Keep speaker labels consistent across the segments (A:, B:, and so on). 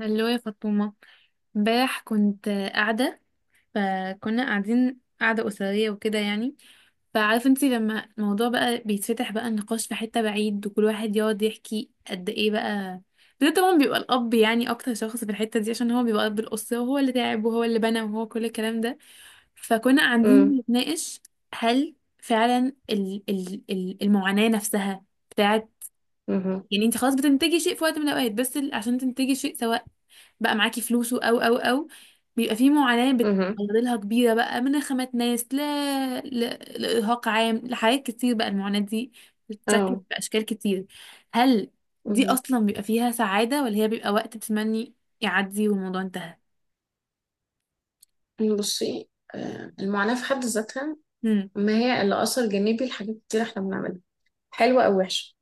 A: هلو يا فاطمة. امبارح كنت قاعدة، فكنا قاعدين قاعدة أسرية وكده، يعني، فعارفة انتي، لما الموضوع بقى بيتفتح، بقى النقاش في حتة بعيد وكل واحد يقعد يحكي قد ايه بقى. ده طبعا بيبقى الأب، يعني أكتر شخص في الحتة دي عشان هو بيبقى أب الأسرة وهو اللي تعب وهو اللي بنى وهو كل الكلام ده. فكنا قاعدين
B: امم
A: نتناقش، هل فعلا ال ال ال المعاناة نفسها بتاعت،
B: امم
A: يعني انت خلاص بتنتجي شيء في وقت من الأوقات، بس عشان تنتجي شيء، سواء بقى معاكي فلوسه او بيبقى في معاناة
B: امم
A: بتعرضلها كبيرة بقى، من خامة ناس، ل... لإرهاق عام، لحاجات كتير. بقى المعاناة دي بتتشكل
B: اه.
A: بأشكال كتير. هل دي
B: مهم.
A: أصلا بيبقى فيها سعادة، ولا هي بيبقى وقت بتمني يعدي والموضوع انتهى؟
B: بصي، المعاناة في حد ذاتها
A: هم.
B: ما هي إلا أثر جانبي لحاجات كتير احنا بنعملها، حلوة أو وحشة،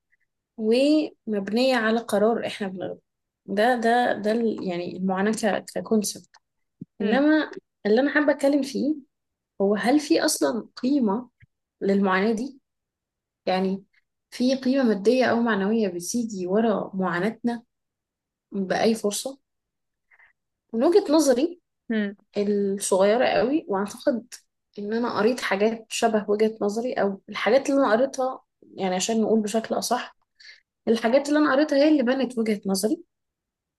B: ومبنية على قرار احنا بناخده. ده يعني المعاناة ككونسبت.
A: هم،
B: إنما اللي أنا حابة أتكلم فيه هو هل في أصلا قيمة للمعاناة دي؟ يعني في قيمة مادية أو معنوية بتيجي ورا معاناتنا بأي فرصة؟ من وجهة نظري
A: هم.
B: الصغيرة قوي، واعتقد ان انا قريت حاجات شبه وجهة نظري، او الحاجات اللي انا قريتها يعني عشان نقول بشكل اصح، الحاجات اللي انا قريتها هي اللي بنت وجهة نظري،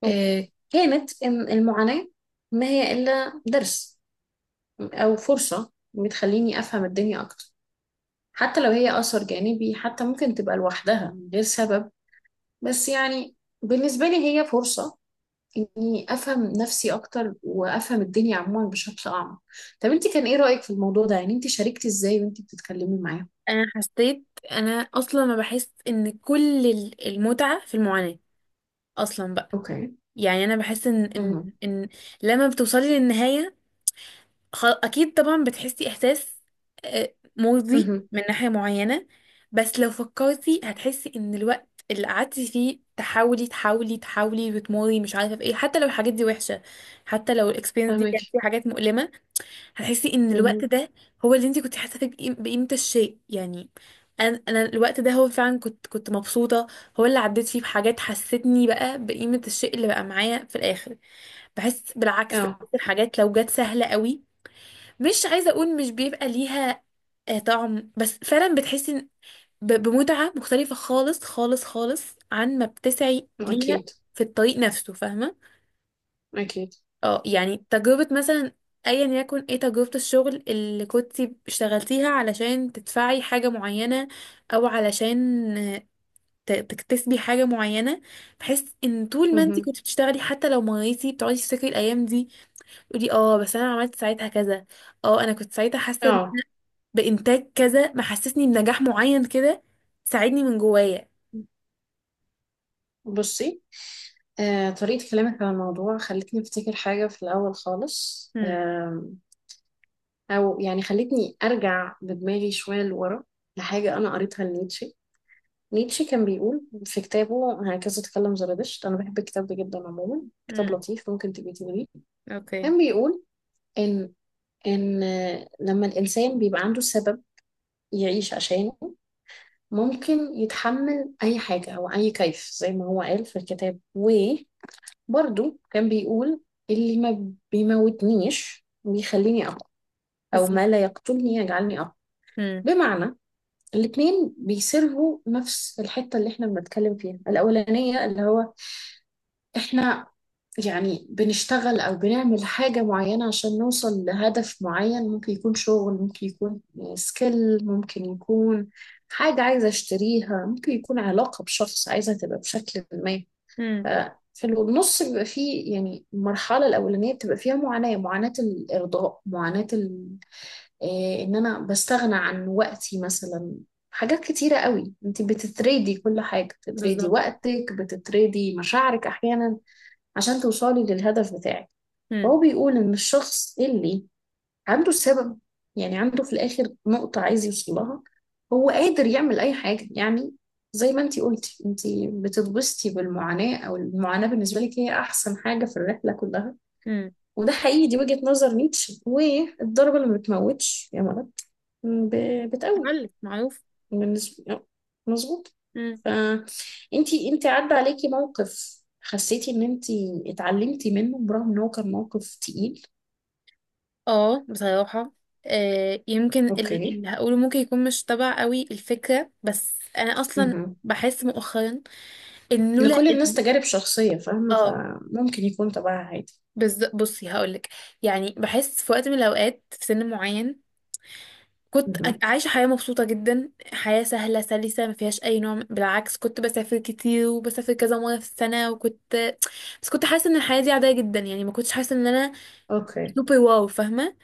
A: اوكي.
B: كانت ان المعاناة ما هي الا درس او فرصة بتخليني افهم الدنيا اكتر، حتى لو هي اثر جانبي، حتى ممكن تبقى لوحدها من غير سبب. بس يعني بالنسبة لي هي فرصة اني افهم نفسي اكتر وافهم الدنيا عموما بشكل اعمق. طب انت كان ايه رايك في الموضوع ده؟ يعني انت شاركتي ازاي وانت بتتكلمي معاهم؟
A: انا حسيت انا اصلا ما بحس ان كل المتعة في المعاناة اصلا بقى.
B: اوكي.
A: يعني انا بحس ان
B: اها.
A: ان ان لما بتوصلي للنهاية، اكيد طبعا بتحسي احساس مرضي
B: اها.
A: من ناحية معينة، بس لو فكرتي هتحسي ان الوقت اللي قعدتي فيه تحاولي تحاولي تحاولي وتموري مش عارفة في ايه، حتى لو الحاجات دي وحشة، حتى لو الاكسبيرينس دي كانت
B: فاهمك.
A: فيها حاجات مؤلمة، هتحسي ان الوقت
B: اها.
A: ده هو اللي انت كنت حاسة فيه بقيمة الشيء، يعني. انا الوقت ده هو فعلا كنت مبسوطة، هو اللي عديت فيه بحاجات حستني بقى بقيمة الشيء اللي بقى معايا في الاخر. بحس بالعكس، بحس
B: اه.
A: الحاجات لو جت سهلة قوي، مش عايزة أقول مش بيبقى ليها طعم، بس فعلا بتحسي بمتعة مختلفة خالص خالص خالص عن ما بتسعي ليها
B: اكيد.
A: في الطريق نفسه، فاهمة؟
B: اكيد.
A: اه يعني تجربة مثلا، ايا يكن ايه، تجربة الشغل اللي كنتي اشتغلتيها علشان تدفعي حاجة معينة، او علشان آه، تكتسبي حاجة معينة. بحس ان طول ما انتي
B: اها.
A: كنتي بتشتغلي، حتى لو مريتي بتقعدي تفتكري الايام دي تقولي اه بس انا عملت ساعتها كذا، اه انا كنت ساعتها حاسة
B: اه.
A: بإنتاج كذا، محسسني بنجاح معين كده، ساعدني من جوايا.
B: بصي، طريقة كلامك عن الموضوع خلتني أفتكر حاجة في الأول خالص،
A: امم.
B: أو يعني خلتني أرجع بدماغي شوية لورا لحاجة أنا قريتها لنيتشه. نيتشه كان بيقول في كتابه هكذا تكلم زرادشت، أنا بحب الكتاب ده جدا عموما، كتاب
A: امم.
B: لطيف ممكن تبقي تقريه.
A: اوكي.
B: كان بيقول إن إن لما الإنسان بيبقى عنده سبب يعيش عشانه، ممكن يتحمل أي حاجة أو أي كيف، زي ما هو قال في الكتاب. وبرضه كان بيقول اللي ما بيموتنيش بيخليني أقوى، أو
A: بالظبط.
B: ما لا يقتلني يجعلني أقوى.
A: امم.
B: بمعنى الاتنين بيسيرفوا نفس الحتة اللي احنا بنتكلم فيها. الأولانية اللي هو احنا يعني بنشتغل او بنعمل حاجة معينة عشان نوصل لهدف معين، ممكن يكون شغل، ممكن يكون سكيل، ممكن يكون حاجة عايزة اشتريها، ممكن يكون علاقة بشخص عايزة تبقى بشكل ما. ف-
A: امم.
B: في النص بيبقى فيه يعني المرحلة الأولانية بتبقى فيها معاناة، معاناة الإرضاء، معاناة إيه، إن أنا بستغنى عن وقتي مثلا. حاجات كتيرة قوي انت بتتريدي، كل حاجة بتتريدي،
A: بالظبط.
B: وقتك بتتريدي، مشاعرك أحيانا، عشان توصلي للهدف بتاعك. فهو
A: امم.
B: بيقول إن الشخص اللي عنده السبب، يعني عنده في الآخر نقطة عايز يوصل لها، هو قادر يعمل أي حاجة يعني. زي ما انتي قلتي انتي بتتبسطي بالمعاناة، أو المعاناة بالنسبة لك هي أحسن حاجة في الرحلة كلها.
A: امم.
B: وده حقيقي، دي وجهة نظر نيتشه. والضربة اللي ما بتموتش يا مرض بتقوي
A: تعلق معروف.
B: بالنسبة. مظبوط.
A: امم.
B: ف انتي عدى عليكي موقف حسيتي ان انتي اتعلمتي منه برغم ان هو كان موقف تقيل؟
A: اه بصراحة، يمكن
B: اوكي.
A: اللي هقوله ممكن يكون مش تبع قوي الفكرة، بس انا اصلا
B: مهم.
A: بحس مؤخرا ان لولا
B: لكل الناس تجارب شخصية فاهمة،
A: اه
B: فممكن يكون تبعها عادي.
A: بالظبط. بصي هقولك، يعني بحس في وقت من الاوقات، في سن معين، كنت
B: مهم.
A: عايشة حياة مبسوطة جدا، حياة سهلة سلسة ما فيهاش أي نوع بالعكس، كنت بسافر كتير وبسافر كذا مرة في السنة، وكنت بس كنت حاسة إن الحياة دي عادية جدا، يعني ما كنتش حاسة إن أنا
B: اوكي.
A: سوبر واو، فاهمة؟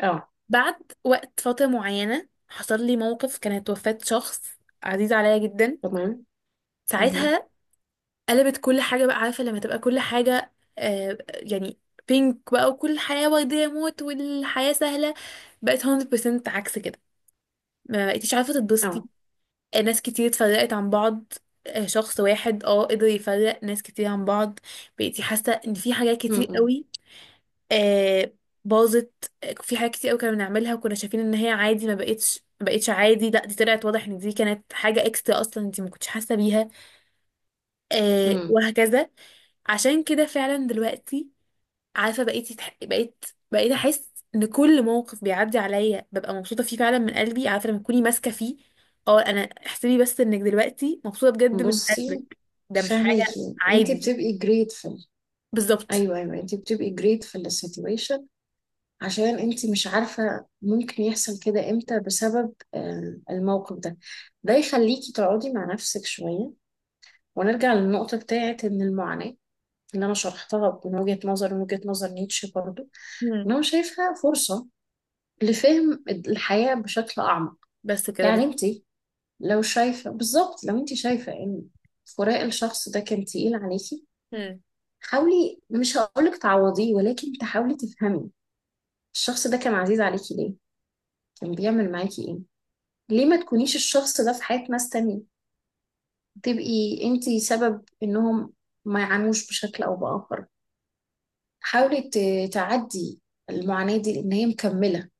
B: اه.
A: بعد وقت، فترة معينة، حصل لي موقف كانت وفاة شخص عزيز عليا جدا.
B: تمام. مهم.
A: ساعتها قلبت كل حاجة، بقى عارفة لما تبقى كل حاجة يعني بينك بقى، وكل حياة وردية، موت، والحياة سهلة بقت 100% عكس كده، ما بقيتيش عارفة تتبسطي،
B: اه.
A: ناس كتير اتفرقت عن بعض، شخص واحد اه قدر يفرق ناس كتير عن بعض. بقيتي حاسة ان في حاجات كتير
B: مم.
A: قوي آه، باظت، في حاجات كتير قوي كنا بنعملها وكنا شايفين ان هي عادي، ما بقتش عادي، لا دي طلعت واضح ان دي كانت حاجة اكسترا اصلا انت ما كنتش حاسة بيها،
B: مم.
A: وهكذا. عشان كده فعلا دلوقتي، عارفه، بقيت احس ان كل موقف بيعدي عليا ببقى مبسوطه فيه فعلا من قلبي، عارفه لما تكوني ماسكه فيه، اه انا احسبي بس انك دلوقتي مبسوطه بجد من
B: بصي،
A: قلبك، ده مش حاجه
B: فاهماكي، انتي
A: عادي.
B: بتبقي grateful.
A: بالظبط.
B: ايوه ايوه، انتي بتبقي grateful للسيتويشن عشان انتي مش عارفة ممكن يحصل كده امتى، بسبب الموقف ده، ده يخليكي تقعدي مع نفسك شوية. ونرجع للنقطة بتاعت ان المعاناة اللي انا شرحتها من وجهة نظر من وجهة نظر نيتشه برضو، ان
A: مم.
B: هو شايفها فرصة لفهم الحياة بشكل اعمق.
A: بس كده
B: يعني
A: بالظبط.
B: انتي لو شايفة بالظبط، لو انتي شايفة ان فراق الشخص ده كان تقيل عليكي،
A: مم.
B: حاولي، مش هقولك تعوضيه ولكن تحاولي تفهمي الشخص ده كان عزيز عليكي ليه، كان بيعمل معاكي ايه. ليه ما تكونيش الشخص ده في حياة ناس تانية، تبقي انتي سبب انهم ما يعانوش بشكل او بآخر. حاولي تعدي المعاناة دي لان هي مكملة.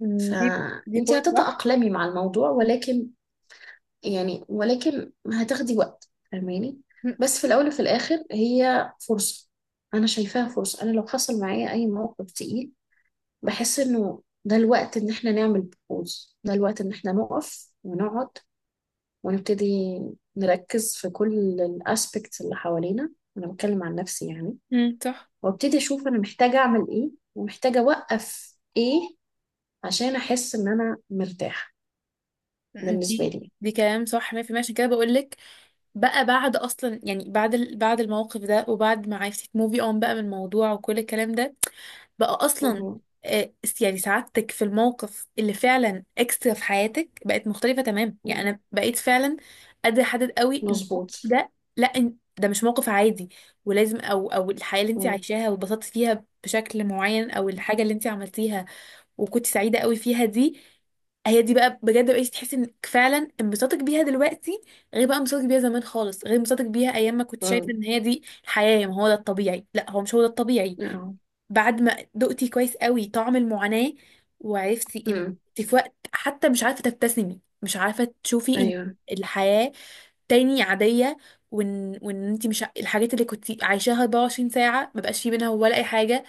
A: مم، دي دي
B: فانتي
A: بوينت صح.
B: هتتأقلمي مع الموضوع ولكن يعني ولكن هتاخدي وقت، فاهماني؟
A: مم.
B: بس في الاول وفي الاخر هي فرصة. انا شايفاها فرصة. انا لو حصل معايا اي موقف تقيل بحس انه ده الوقت ان احنا نعمل بوز، ده الوقت ان احنا نقف ونقعد، ونبتدي نركز في كل الاسبكتس اللي حوالينا. انا بتكلم عن نفسي يعني.
A: مم، صح.
B: وابتدي اشوف انا محتاجه اعمل ايه ومحتاجه اوقف ايه عشان احس ان انا مرتاحه.
A: مم،
B: بالنسبه
A: دي
B: لي.
A: دي كلام صح 100%، عشان كده بقول لك، بقى بعد اصلا، يعني بعد بعد الموقف ده وبعد ما عرفتي تموفي اون بقى من الموضوع وكل الكلام ده، بقى اصلا
B: مهم.
A: آه، يعني سعادتك في الموقف اللي فعلا اكسترا في حياتك بقت مختلفه تمام، يعني
B: مم.
A: انا بقيت فعلا قادره احدد قوي ان الموقف
B: مظبوط.
A: ده، لا ده مش موقف عادي، ولازم او الحياه اللي انت
B: مم.
A: عايشاها واتبسطتي فيها بشكل معين، او الحاجه اللي انت عملتيها وكنت سعيده قوي فيها، دي هي دي بقى بجد بقيتي تحسي انك فعلا انبساطك بيها دلوقتي غير بقى انبساطك بيها زمان خالص، غير انبساطك بيها ايام ما كنت شايفه
B: مم.
A: ان هي دي الحياه، يعني ما هو ده الطبيعي، لا هو مش هو ده الطبيعي.
B: اه.
A: بعد ما دقتي كويس قوي طعم المعاناة، وعرفتي ان
B: مم.
A: انت في وقت حتى مش عارفة تبتسمي، مش عارفة تشوفي ان
B: ايوه.
A: الحياة تاني عادية، وان انت مش الحاجات اللي كنت عايشاها 24 ساعة ما بقاش في منها ولا اي حاجة.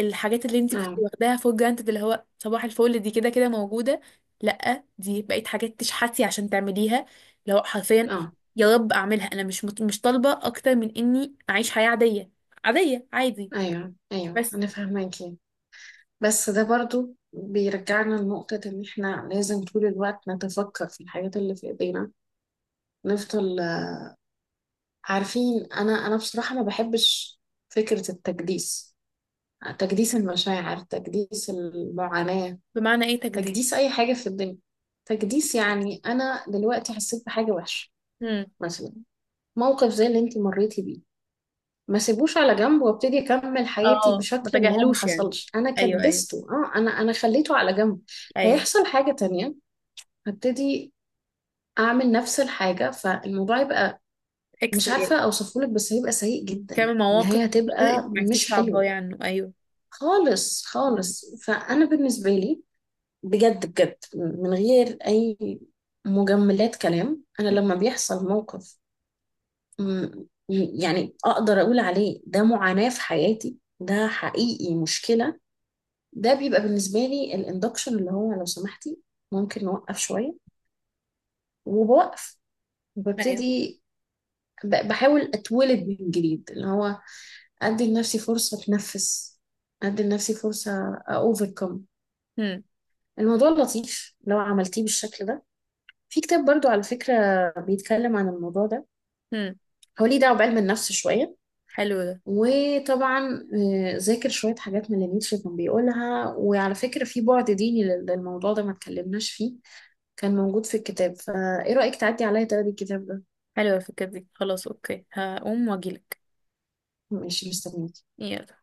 A: الحاجات اللي انت كنت
B: اه.
A: واخداها فور جرانتد، اللي هو صباح الفل، دي كده كده موجودة، لا دي بقت حاجات تشحتي عشان تعمليها، لو حرفيا،
B: اه.
A: يا رب اعملها، انا مش مش طالبة اكتر من اني اعيش حياة عادية، عادية عادي
B: ايوه ايوه،
A: بس.
B: انا فاهماكي. بس ده برضو بيرجعنا لنقطة إن إحنا لازم طول الوقت نتفكر في الحاجات اللي في إيدينا، نفضل عارفين. انا بصراحه ما بحبش فكره التجديس، تجديس المشاعر، تجديس المعاناه،
A: بمعنى ايه تجديد؟
B: تجديس اي حاجه في الدنيا. تجديس يعني انا دلوقتي حسيت بحاجه وحشه،
A: امم.
B: مثلا موقف زي اللي انت مريتي بيه، ما سيبوش على جنب وابتدي اكمل حياتي
A: اه ما
B: بشكل ان هو ما
A: تجاهلوش، يعني،
B: حصلش. انا
A: ايوه ايوه،
B: كدسته، اه، انا خليته على جنب.
A: ايوم،
B: هيحصل حاجه تانية، هبتدي اعمل نفس الحاجه، فالموضوع يبقى
A: اكس،
B: مش عارفه اوصفهولك بس هيبقى سيء جدا،
A: كام
B: النهايه
A: مواقف كتير انت
B: هتبقى
A: ما عرفتيش
B: مش حلوه
A: تعبري عنه. ايوه.
B: خالص
A: مم.
B: خالص. فأنا بالنسبة لي بجد بجد من غير أي مجملات كلام، أنا لما
A: مم.
B: بيحصل موقف م- م- يعني أقدر أقول عليه ده معاناة في حياتي، ده حقيقي مشكلة، ده بيبقى بالنسبة لي الاندكشن، اللي هو لو سمحتي ممكن نوقف شوية. وبوقف
A: ايوه.
B: وببتدي بحاول أتولد من جديد، اللي هو أدي لنفسي فرصة أتنفس، أدي لنفسي فرصة أوفركم.
A: مم.
B: الموضوع لطيف لو عملتيه بالشكل ده. في كتاب برضو على فكرة بيتكلم عن الموضوع ده،
A: مم.
B: هو ليه دعوة بعلم النفس شوية،
A: حلو ده.
B: وطبعا ذاكر شوية حاجات من اللي نيتشه كان بيقولها. وعلى فكرة في بعد ديني للموضوع ده ما اتكلمناش فيه، كان موجود في الكتاب. فايه رأيك تعدي عليا تقري الكتاب ده؟
A: حلوه الفكره دي، خلاص، اوكي، هقوم واجيلك.
B: ماشي، مستنيك.
A: يلا.